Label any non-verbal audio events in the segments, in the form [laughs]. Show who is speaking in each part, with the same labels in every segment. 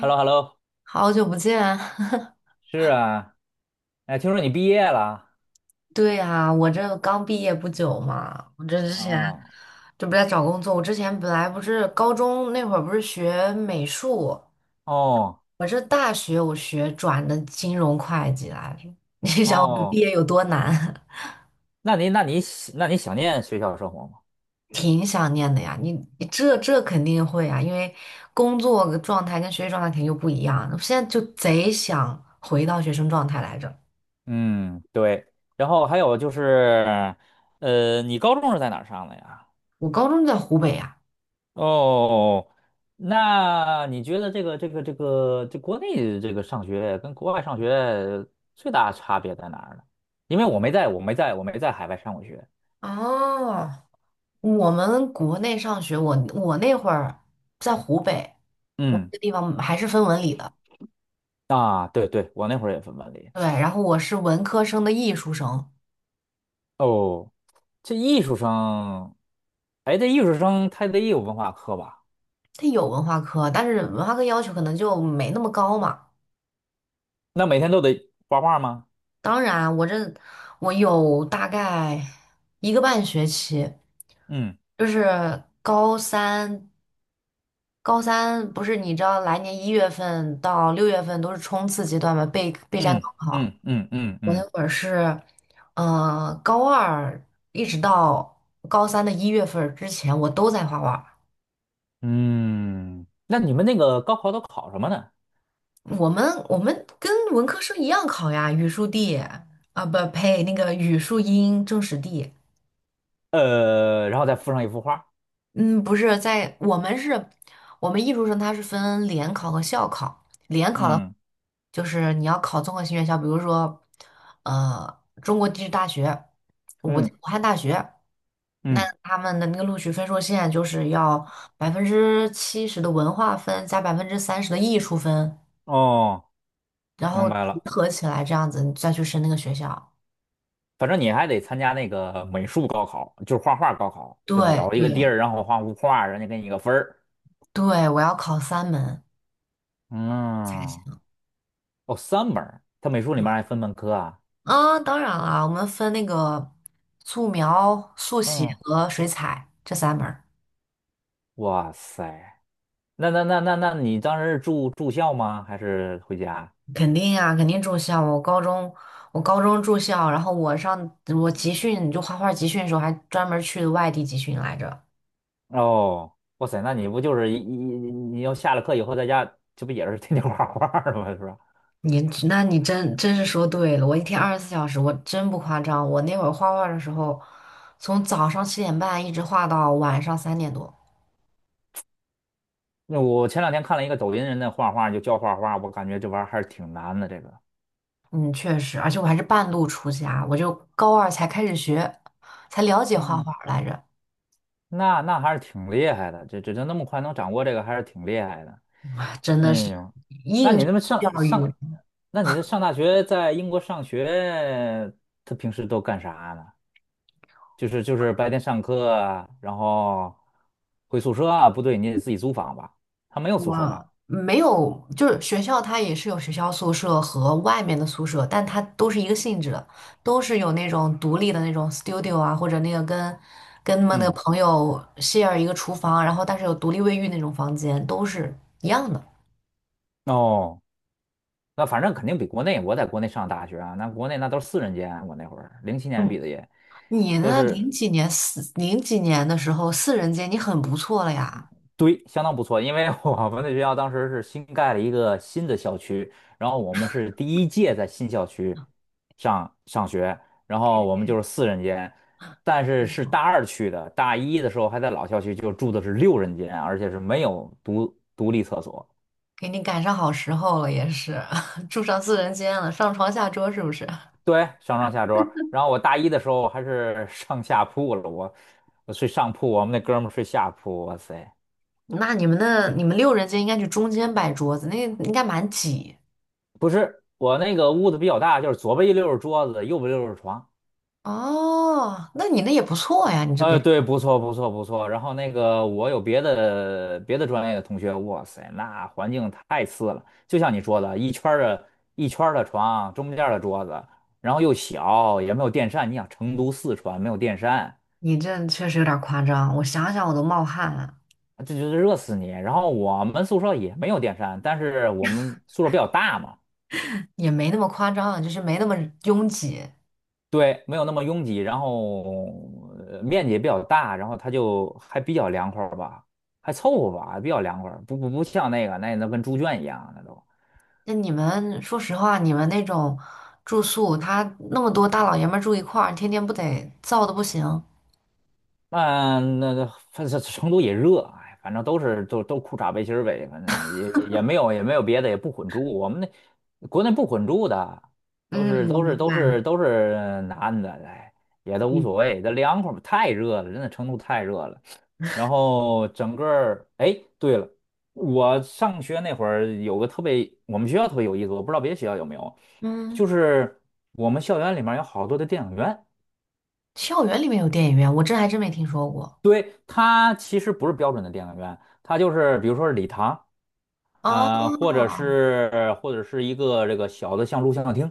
Speaker 1: H E L L O H E L L O。
Speaker 2: 好久不见。[laughs]
Speaker 1: 是啊，哎，听说你毕业了
Speaker 2: 对呀，我这刚毕业不久嘛，我这之前
Speaker 1: 啊？
Speaker 2: 这不在找工作。我之前本来不是高中那会儿不是学美术，
Speaker 1: 哦
Speaker 2: 我这大学我学转的金融会计来着。[laughs] 你想我这毕
Speaker 1: 哦，
Speaker 2: 业有多难，
Speaker 1: 那你那你喜那你想念学校生活吗？
Speaker 2: [laughs] 挺想念的呀。你这肯定会啊，因为工作状态跟学习状态肯定就不一样。我现在就贼想回到学生状态来着。
Speaker 1: 嗯，对。然后还有就是，你高中是在哪儿上的呀？
Speaker 2: 我高中就在湖北呀。
Speaker 1: 哦，那你觉得这个这国内这个上学跟国外上学最大差别在哪儿呢？因为我没在海外上过学。
Speaker 2: 哦，我们国内上学，我那会儿在湖北，我
Speaker 1: 嗯
Speaker 2: 那个地方还是分文理的。
Speaker 1: 啊，对对，我那会儿也分班里。
Speaker 2: 对，然后我是文科生的艺术生，
Speaker 1: 哦，这艺术生，哎，这艺术生他得有文化课吧？
Speaker 2: 它有文化课，但是文化课要求可能就没那么高嘛。
Speaker 1: 那每天都得画画吗？
Speaker 2: 当然，我有大概一个半学期，
Speaker 1: 嗯
Speaker 2: 就是高三，高三不是你知道来年一月份到6月份都是冲刺阶段嘛，备战
Speaker 1: 嗯
Speaker 2: 高考。
Speaker 1: 嗯嗯嗯
Speaker 2: 我那
Speaker 1: 嗯
Speaker 2: 会儿是，高二一直到高三的1月份儿之前，我都在画画。
Speaker 1: 嗯。那你们那个高考都考什么呢？
Speaker 2: 我们跟文科生一样考呀，语数地啊，不呸，那个语数英政史地。
Speaker 1: 然后再附上一幅画。
Speaker 2: 嗯，不是在我们是，我们艺术生他是分联考和校考。联考的话
Speaker 1: 嗯
Speaker 2: 就是你要考综合性院校，比如说，中国地质大学、武
Speaker 1: 嗯
Speaker 2: 汉大学。那
Speaker 1: 嗯。
Speaker 2: 他们的那个录取分数线就是要70%的文化分加30%的艺术分，
Speaker 1: 哦，
Speaker 2: 然
Speaker 1: 明
Speaker 2: 后
Speaker 1: 白
Speaker 2: 集
Speaker 1: 了。
Speaker 2: 合起来这样子，你再去申那个学校。
Speaker 1: 反正你还得参加那个美术高考，就是画画高考，
Speaker 2: 对
Speaker 1: 对吧？找一个地
Speaker 2: 对
Speaker 1: 儿，然后画幅画，人家给你个分儿。
Speaker 2: 对，我要考三门才
Speaker 1: 嗯，
Speaker 2: 行。
Speaker 1: 哦，三门儿，他美术里
Speaker 2: 对
Speaker 1: 面还分门科啊。
Speaker 2: 啊，当然了，我们分那个素描、速写
Speaker 1: 嗯。
Speaker 2: 和水彩这三门儿。
Speaker 1: 哇塞，那你当时是住校吗？还是回家？
Speaker 2: 肯定啊，肯定住校。我高中住校，然后我集训，就画画集训的时候，还专门去外地集训来着。
Speaker 1: 哦，哇塞，那你不就是你要下了课以后在家，这不也是 [laughs] 天天画画儿的吗？是吧？
Speaker 2: 你那你真是说对了，我一天24小时，我真不夸张。我那会儿画画的时候，从早上7:30一直画到晚上3点多。
Speaker 1: 那我前两天看了一个抖音人的画画，就教画画，我感觉这玩意儿还是挺难的。这个，
Speaker 2: 嗯，确实，而且我还是半路出家，我就高二才开始学，才了解画
Speaker 1: 嗯，
Speaker 2: 画来着，
Speaker 1: 那那还是挺厉害的，这那么快能掌握这个，还是挺厉害的。
Speaker 2: 真
Speaker 1: 哎
Speaker 2: 的是
Speaker 1: 呦，那
Speaker 2: 应
Speaker 1: 你
Speaker 2: 试
Speaker 1: 那么
Speaker 2: 教育。
Speaker 1: 那你这上大学在英国上学，他平时都干啥呢？就是就是白天上课啊然后回宿舍啊，不对，你得自己租房吧？他没有宿舍吧？
Speaker 2: 我没有，就是学校它也是有学校宿舍和外面的宿舍，但它都是一个性质的，都是有那种独立的那种 studio 啊，或者那个跟他们那个
Speaker 1: 嗯，
Speaker 2: 朋友 share 一个厨房，然后但是有独立卫浴那种房间，都是一样的。
Speaker 1: 哦，那反正肯定比国内，我在国内上大学啊，那国内那都是四人间，我那会儿零七年
Speaker 2: 嗯，
Speaker 1: 毕的业，
Speaker 2: 你
Speaker 1: 都
Speaker 2: 呢？
Speaker 1: 是
Speaker 2: 零几年的时候，四人间你很不错了呀。
Speaker 1: 对，相当不错，因为我们那学校当时是新盖了一个新的校区，然后我们是第一届在新校区上学,然后我们就是四人间，但是是大二去的，大一的时候还在老校区，就住的是六人间，而且是没有独立厕所，
Speaker 2: 给你赶上好时候了，也是 [laughs] 住上四人间了，上床下桌是不是？
Speaker 1: 对，上下桌,然后我大一的时候还是上下铺了，我我睡上铺，我们那哥们儿睡下铺，哇塞，
Speaker 2: 那你们六人间应该去中间摆桌子，那应该蛮挤。
Speaker 1: 不是，我那个屋子比较大，就是左边一溜儿是桌子，右边一溜儿是床。
Speaker 2: 哦，那你那也不错呀，你这别，
Speaker 1: 对，不错，不错，不错。然后那个，我有别的专业的同学，哇塞，那环境太次了。就像你说的，一圈儿的床，中间儿的桌子，然后又小，也没有电扇。你想，成都、四川没有电扇，
Speaker 2: 你这确实有点夸张，我想想我都冒汗了，
Speaker 1: 这就是热死你。然后我们宿舍也没有电扇，但是我们宿舍比较大嘛，
Speaker 2: 也没那么夸张，就是没那么拥挤。
Speaker 1: 对，没有那么拥挤，然后呃面积也比较大，然后它就还比较凉快儿吧，还凑合吧，还比较凉快儿不像那个那跟猪圈一样，那都。
Speaker 2: 那你们说实话，你们那种住宿，他那么多大老爷们儿住一块儿，天天不得燥的不行？
Speaker 1: 那反正成都也热，哎，反正都是都裤衩背心儿呗，反正也没有也没有别的，也不混住。我们那国内不混住的，
Speaker 2: 嗯，我明白
Speaker 1: 都是男的，哎，也都无
Speaker 2: 你。
Speaker 1: 所谓，这凉快儿吧太热了，真的成都太热了。然后整个儿，哎，对了，我上学那会儿有个特别，我们学校特别有意思，我不知道别的学校有没有，
Speaker 2: 嗯，嗯，
Speaker 1: 就是我们校园里面有好多的电影院。
Speaker 2: 校园里面有电影院，我这还真没听说过。
Speaker 1: 对，它其实不是标准的电影院，它就是比如说是礼堂，
Speaker 2: 哦
Speaker 1: 呃，或者是一个这个小的像录像厅。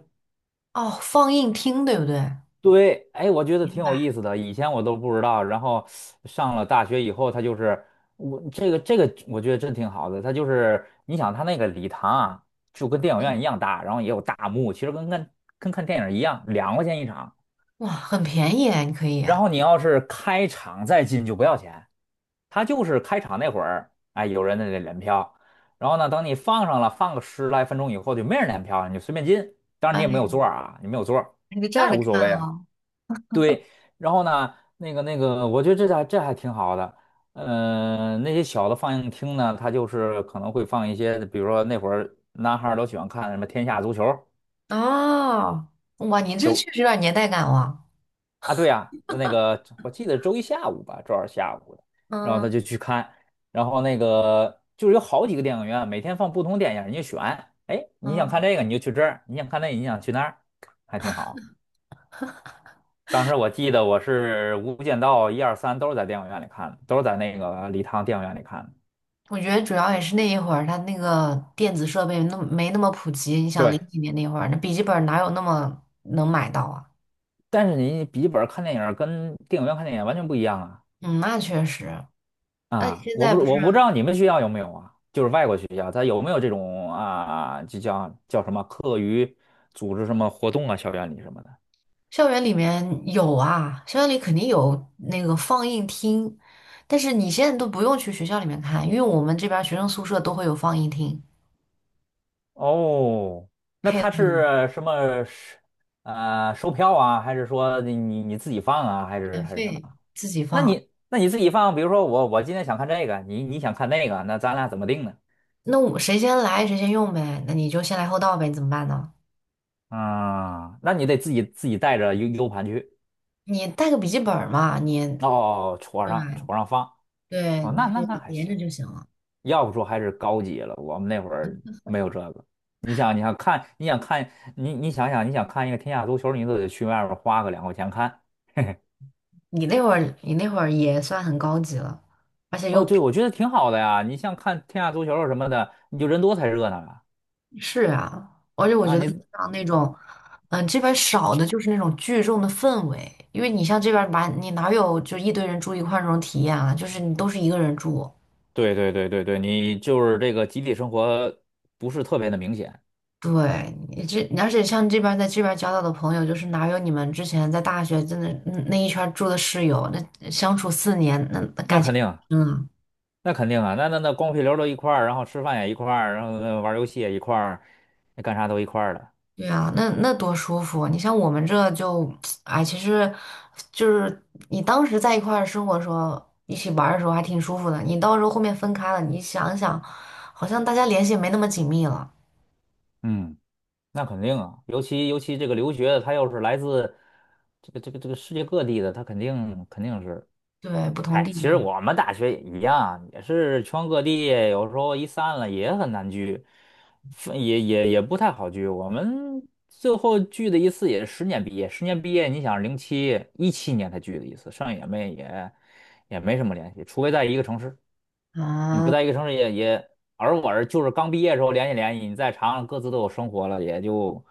Speaker 2: 哦，放映厅对不对？
Speaker 1: 对，哎，我觉得挺有意思的，以前我都不知道。然后上了大学以后，它就是我这个，我觉得真挺好的。它就是你想，它那个礼堂啊，就跟电影院一样大，然后也有大幕，其实跟看电影一样，两块钱一场。
Speaker 2: 哇，很便宜啊，你可以
Speaker 1: 然
Speaker 2: 啊。
Speaker 1: 后你要是开场再进就不要钱。它就是开场那会儿，哎，有人在那连票，然后呢，等你放上了，放个十来分钟以后，就没人连票了，你就随便进。当然
Speaker 2: 哎，
Speaker 1: 你也没有座儿啊，你没有座儿，
Speaker 2: 你就站
Speaker 1: 那也
Speaker 2: 着
Speaker 1: 无所
Speaker 2: 看
Speaker 1: 谓啊。
Speaker 2: 啊、
Speaker 1: 对，然后呢，那个,我觉得这还这还挺好的。呃，那些小的放映厅呢，它就是可能会放一些，比如说那会儿男孩儿都喜欢看什么《天下足球》
Speaker 2: 哦，哇，你这
Speaker 1: 周
Speaker 2: 确实有点年代感哇。
Speaker 1: 啊，对呀、那个我记得周一下午吧，周二下午的，然后
Speaker 2: 嗯
Speaker 1: 他就去看，然后那个就是有好几个电影院，每天放不同电影，你就选，哎，你想看
Speaker 2: 嗯，
Speaker 1: 这个你就去这儿，你想看那个你想去那儿，还挺好。当时我记得我是《无间道》一二三都是在电影院里看的，都是在那个礼堂电影院里看的。
Speaker 2: 我觉得主要也是那一会儿，它那个电子设备没那么普及。你想零
Speaker 1: 对，
Speaker 2: 几年那会儿，那笔记本哪有那么能买到啊？
Speaker 1: 但是你笔记本看电影儿跟电影院看电影完全不一样啊。
Speaker 2: 嗯，那确实。那你
Speaker 1: 啊，
Speaker 2: 现
Speaker 1: 我
Speaker 2: 在
Speaker 1: 不
Speaker 2: 不是
Speaker 1: 我不知道你们学校有没有啊，就是外国学校，它有没有这种啊，就叫什么课余组织什么活动啊，校园里什么的。
Speaker 2: 校园里面有啊？校园里肯定有那个放映厅，但是你现在都不用去学校里面看，因为我们这边儿学生宿舍都会有放映厅，
Speaker 1: 哦，那
Speaker 2: 配
Speaker 1: 它是
Speaker 2: 的
Speaker 1: 什么是呃售票啊，还是说你自己放啊，还是
Speaker 2: 免
Speaker 1: 还是什么？
Speaker 2: 费自己
Speaker 1: 那
Speaker 2: 放。
Speaker 1: 你那你自己放，比如说我今天想看这个，你你想看那个，那咱俩怎么定呢？
Speaker 2: 那我谁先来谁先用呗，那你就先来后到呗，你怎么办呢？
Speaker 1: 啊，那你得自己带着 U 盘去，
Speaker 2: 你带个笔记本儿嘛，你
Speaker 1: 哦，哦戳
Speaker 2: 对吧？
Speaker 1: 上戳上放，
Speaker 2: 对，
Speaker 1: 哦，
Speaker 2: 你
Speaker 1: 那那
Speaker 2: 就
Speaker 1: 那还
Speaker 2: 连
Speaker 1: 行。
Speaker 2: 着就行了。
Speaker 1: 要不说还是高级了。我们那会儿没有这个。你想，你想看，你想看，你你想想，你想看一个天下足球，你都得去外面花个两块钱看。
Speaker 2: 你那会儿也算很高级了。而且又
Speaker 1: 哦，对，
Speaker 2: 平
Speaker 1: 我觉得挺好的呀。你像看天下足球什么的，你就人多才热闹啊。
Speaker 2: 是啊，而且我
Speaker 1: 啊，
Speaker 2: 觉得
Speaker 1: 你
Speaker 2: 像那种，这边儿少的就是那种聚众的氛围，因为你像这边儿吧，你哪有就一堆人住一块儿那种体验啊？就是你都是一个人住。
Speaker 1: 对,你就是这个集体生活不是特别的明显。
Speaker 2: 对，你这而且像这边在这边交到的朋友，就是哪有你们之前在大学真的那一圈儿住的室友，那相处4年，那
Speaker 1: 那
Speaker 2: 感
Speaker 1: 肯
Speaker 2: 情，
Speaker 1: 定，
Speaker 2: 嗯，
Speaker 1: 那肯定啊，那光屁溜儿都一块儿，然后吃饭也一块儿，然后呃玩儿游戏也一块儿，那干啥都一块儿的。
Speaker 2: 对啊，那多舒服啊。你像我们这就，[tsk] 哎，其实就是你当时在一块儿生活的时候，一起玩儿的时候还挺舒服的。你到时候后面分开了，你想一想，好像大家联系也没那么紧密了。
Speaker 1: 嗯。那肯定啊，尤其这个留学的，他又是来自这个世界各地的，他肯定是，
Speaker 2: 对，不同
Speaker 1: 嗨，
Speaker 2: 地
Speaker 1: 其
Speaker 2: 域
Speaker 1: 实
Speaker 2: 嘛，
Speaker 1: 我们大学也一样，也是全各地，有时候一散了也很难聚，分也不太好聚。我们最后聚的一次也是十年毕业，十年毕业，你想零七一七年才聚的一次，剩下也没什么联系，除非在一个城市。你不
Speaker 2: 啊。
Speaker 1: 在一个城市而我就是刚毕业的时候联系联系，你再长了各自都有生活了，也就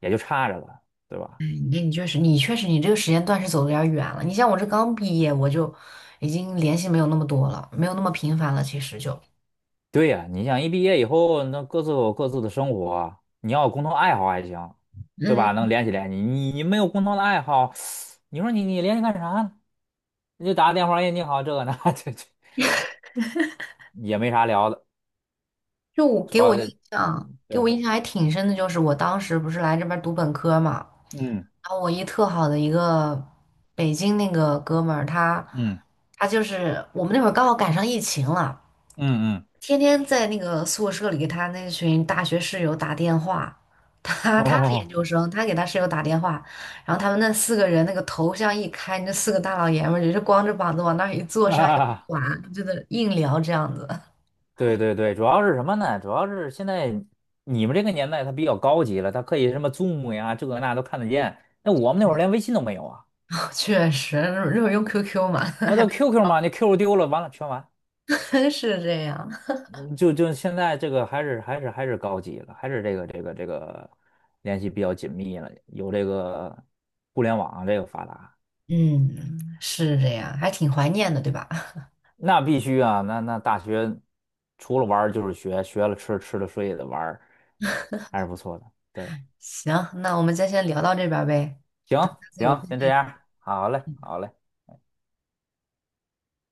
Speaker 1: 也就差着了，对吧？
Speaker 2: 你确实，你这个时间段是走的有点儿远了。你像我这刚毕业，我就已经联系没有那么多了，没有那么频繁了。其实就，
Speaker 1: 对呀，你想一毕业以后，那各自有各自的生活，你要有共同爱好还行，对吧？
Speaker 2: 嗯，
Speaker 1: 能联系联系，你没有共同的爱好，你说你联系干啥呢？你就打个电话，哎，你好，这个那 [laughs] 这也没啥聊的，
Speaker 2: 就我
Speaker 1: 主
Speaker 2: 给
Speaker 1: 要
Speaker 2: 我印
Speaker 1: 是
Speaker 2: 象，给我
Speaker 1: 对，
Speaker 2: 印象还挺深的，就是我当时不是来这边儿读本科嘛，
Speaker 1: 嗯
Speaker 2: 然后我一特好的一个北京那个哥们儿，他
Speaker 1: 嗯
Speaker 2: 他就是我们那会儿刚好赶上疫情了，
Speaker 1: 嗯嗯，
Speaker 2: 天天在那个宿舍里给他那群大学室友打电话，
Speaker 1: [laughs]
Speaker 2: 他是研
Speaker 1: 哦
Speaker 2: 究生，他给他室友打电话，然后他们那四个人那个头像一开，那四个大老爷们儿也是光着膀子往那儿一坐，啥也不
Speaker 1: 啊。
Speaker 2: 管，就在那硬聊这样子。
Speaker 1: 对,主要是什么呢？主要是现在你们这个年代它比较高级了，它可以什么 Zoom 呀，这个那都看得见。那我们那会儿连微信都没有啊，
Speaker 2: [laughs] 确实，那会儿用 QQ 嘛，[laughs]
Speaker 1: 啊，
Speaker 2: 还
Speaker 1: 都 QQ 嘛，那 QQ 丢了，完了全完。
Speaker 2: 真是这样。
Speaker 1: 嗯就就现在这个还是还是高级了，还是这个联系比较紧密了，有这个互联网啊这个发达，
Speaker 2: 嗯，是这样，还挺怀念的，对吧？[laughs]
Speaker 1: 那必须啊，那那大学除了玩儿就是学，学了吃，吃了睡也得玩儿还是不错的。对，
Speaker 2: 行，那我们就先聊到这边儿呗，下
Speaker 1: 行
Speaker 2: 次有
Speaker 1: 行，
Speaker 2: 空
Speaker 1: 先这
Speaker 2: 再。
Speaker 1: 样，好嘞，好嘞。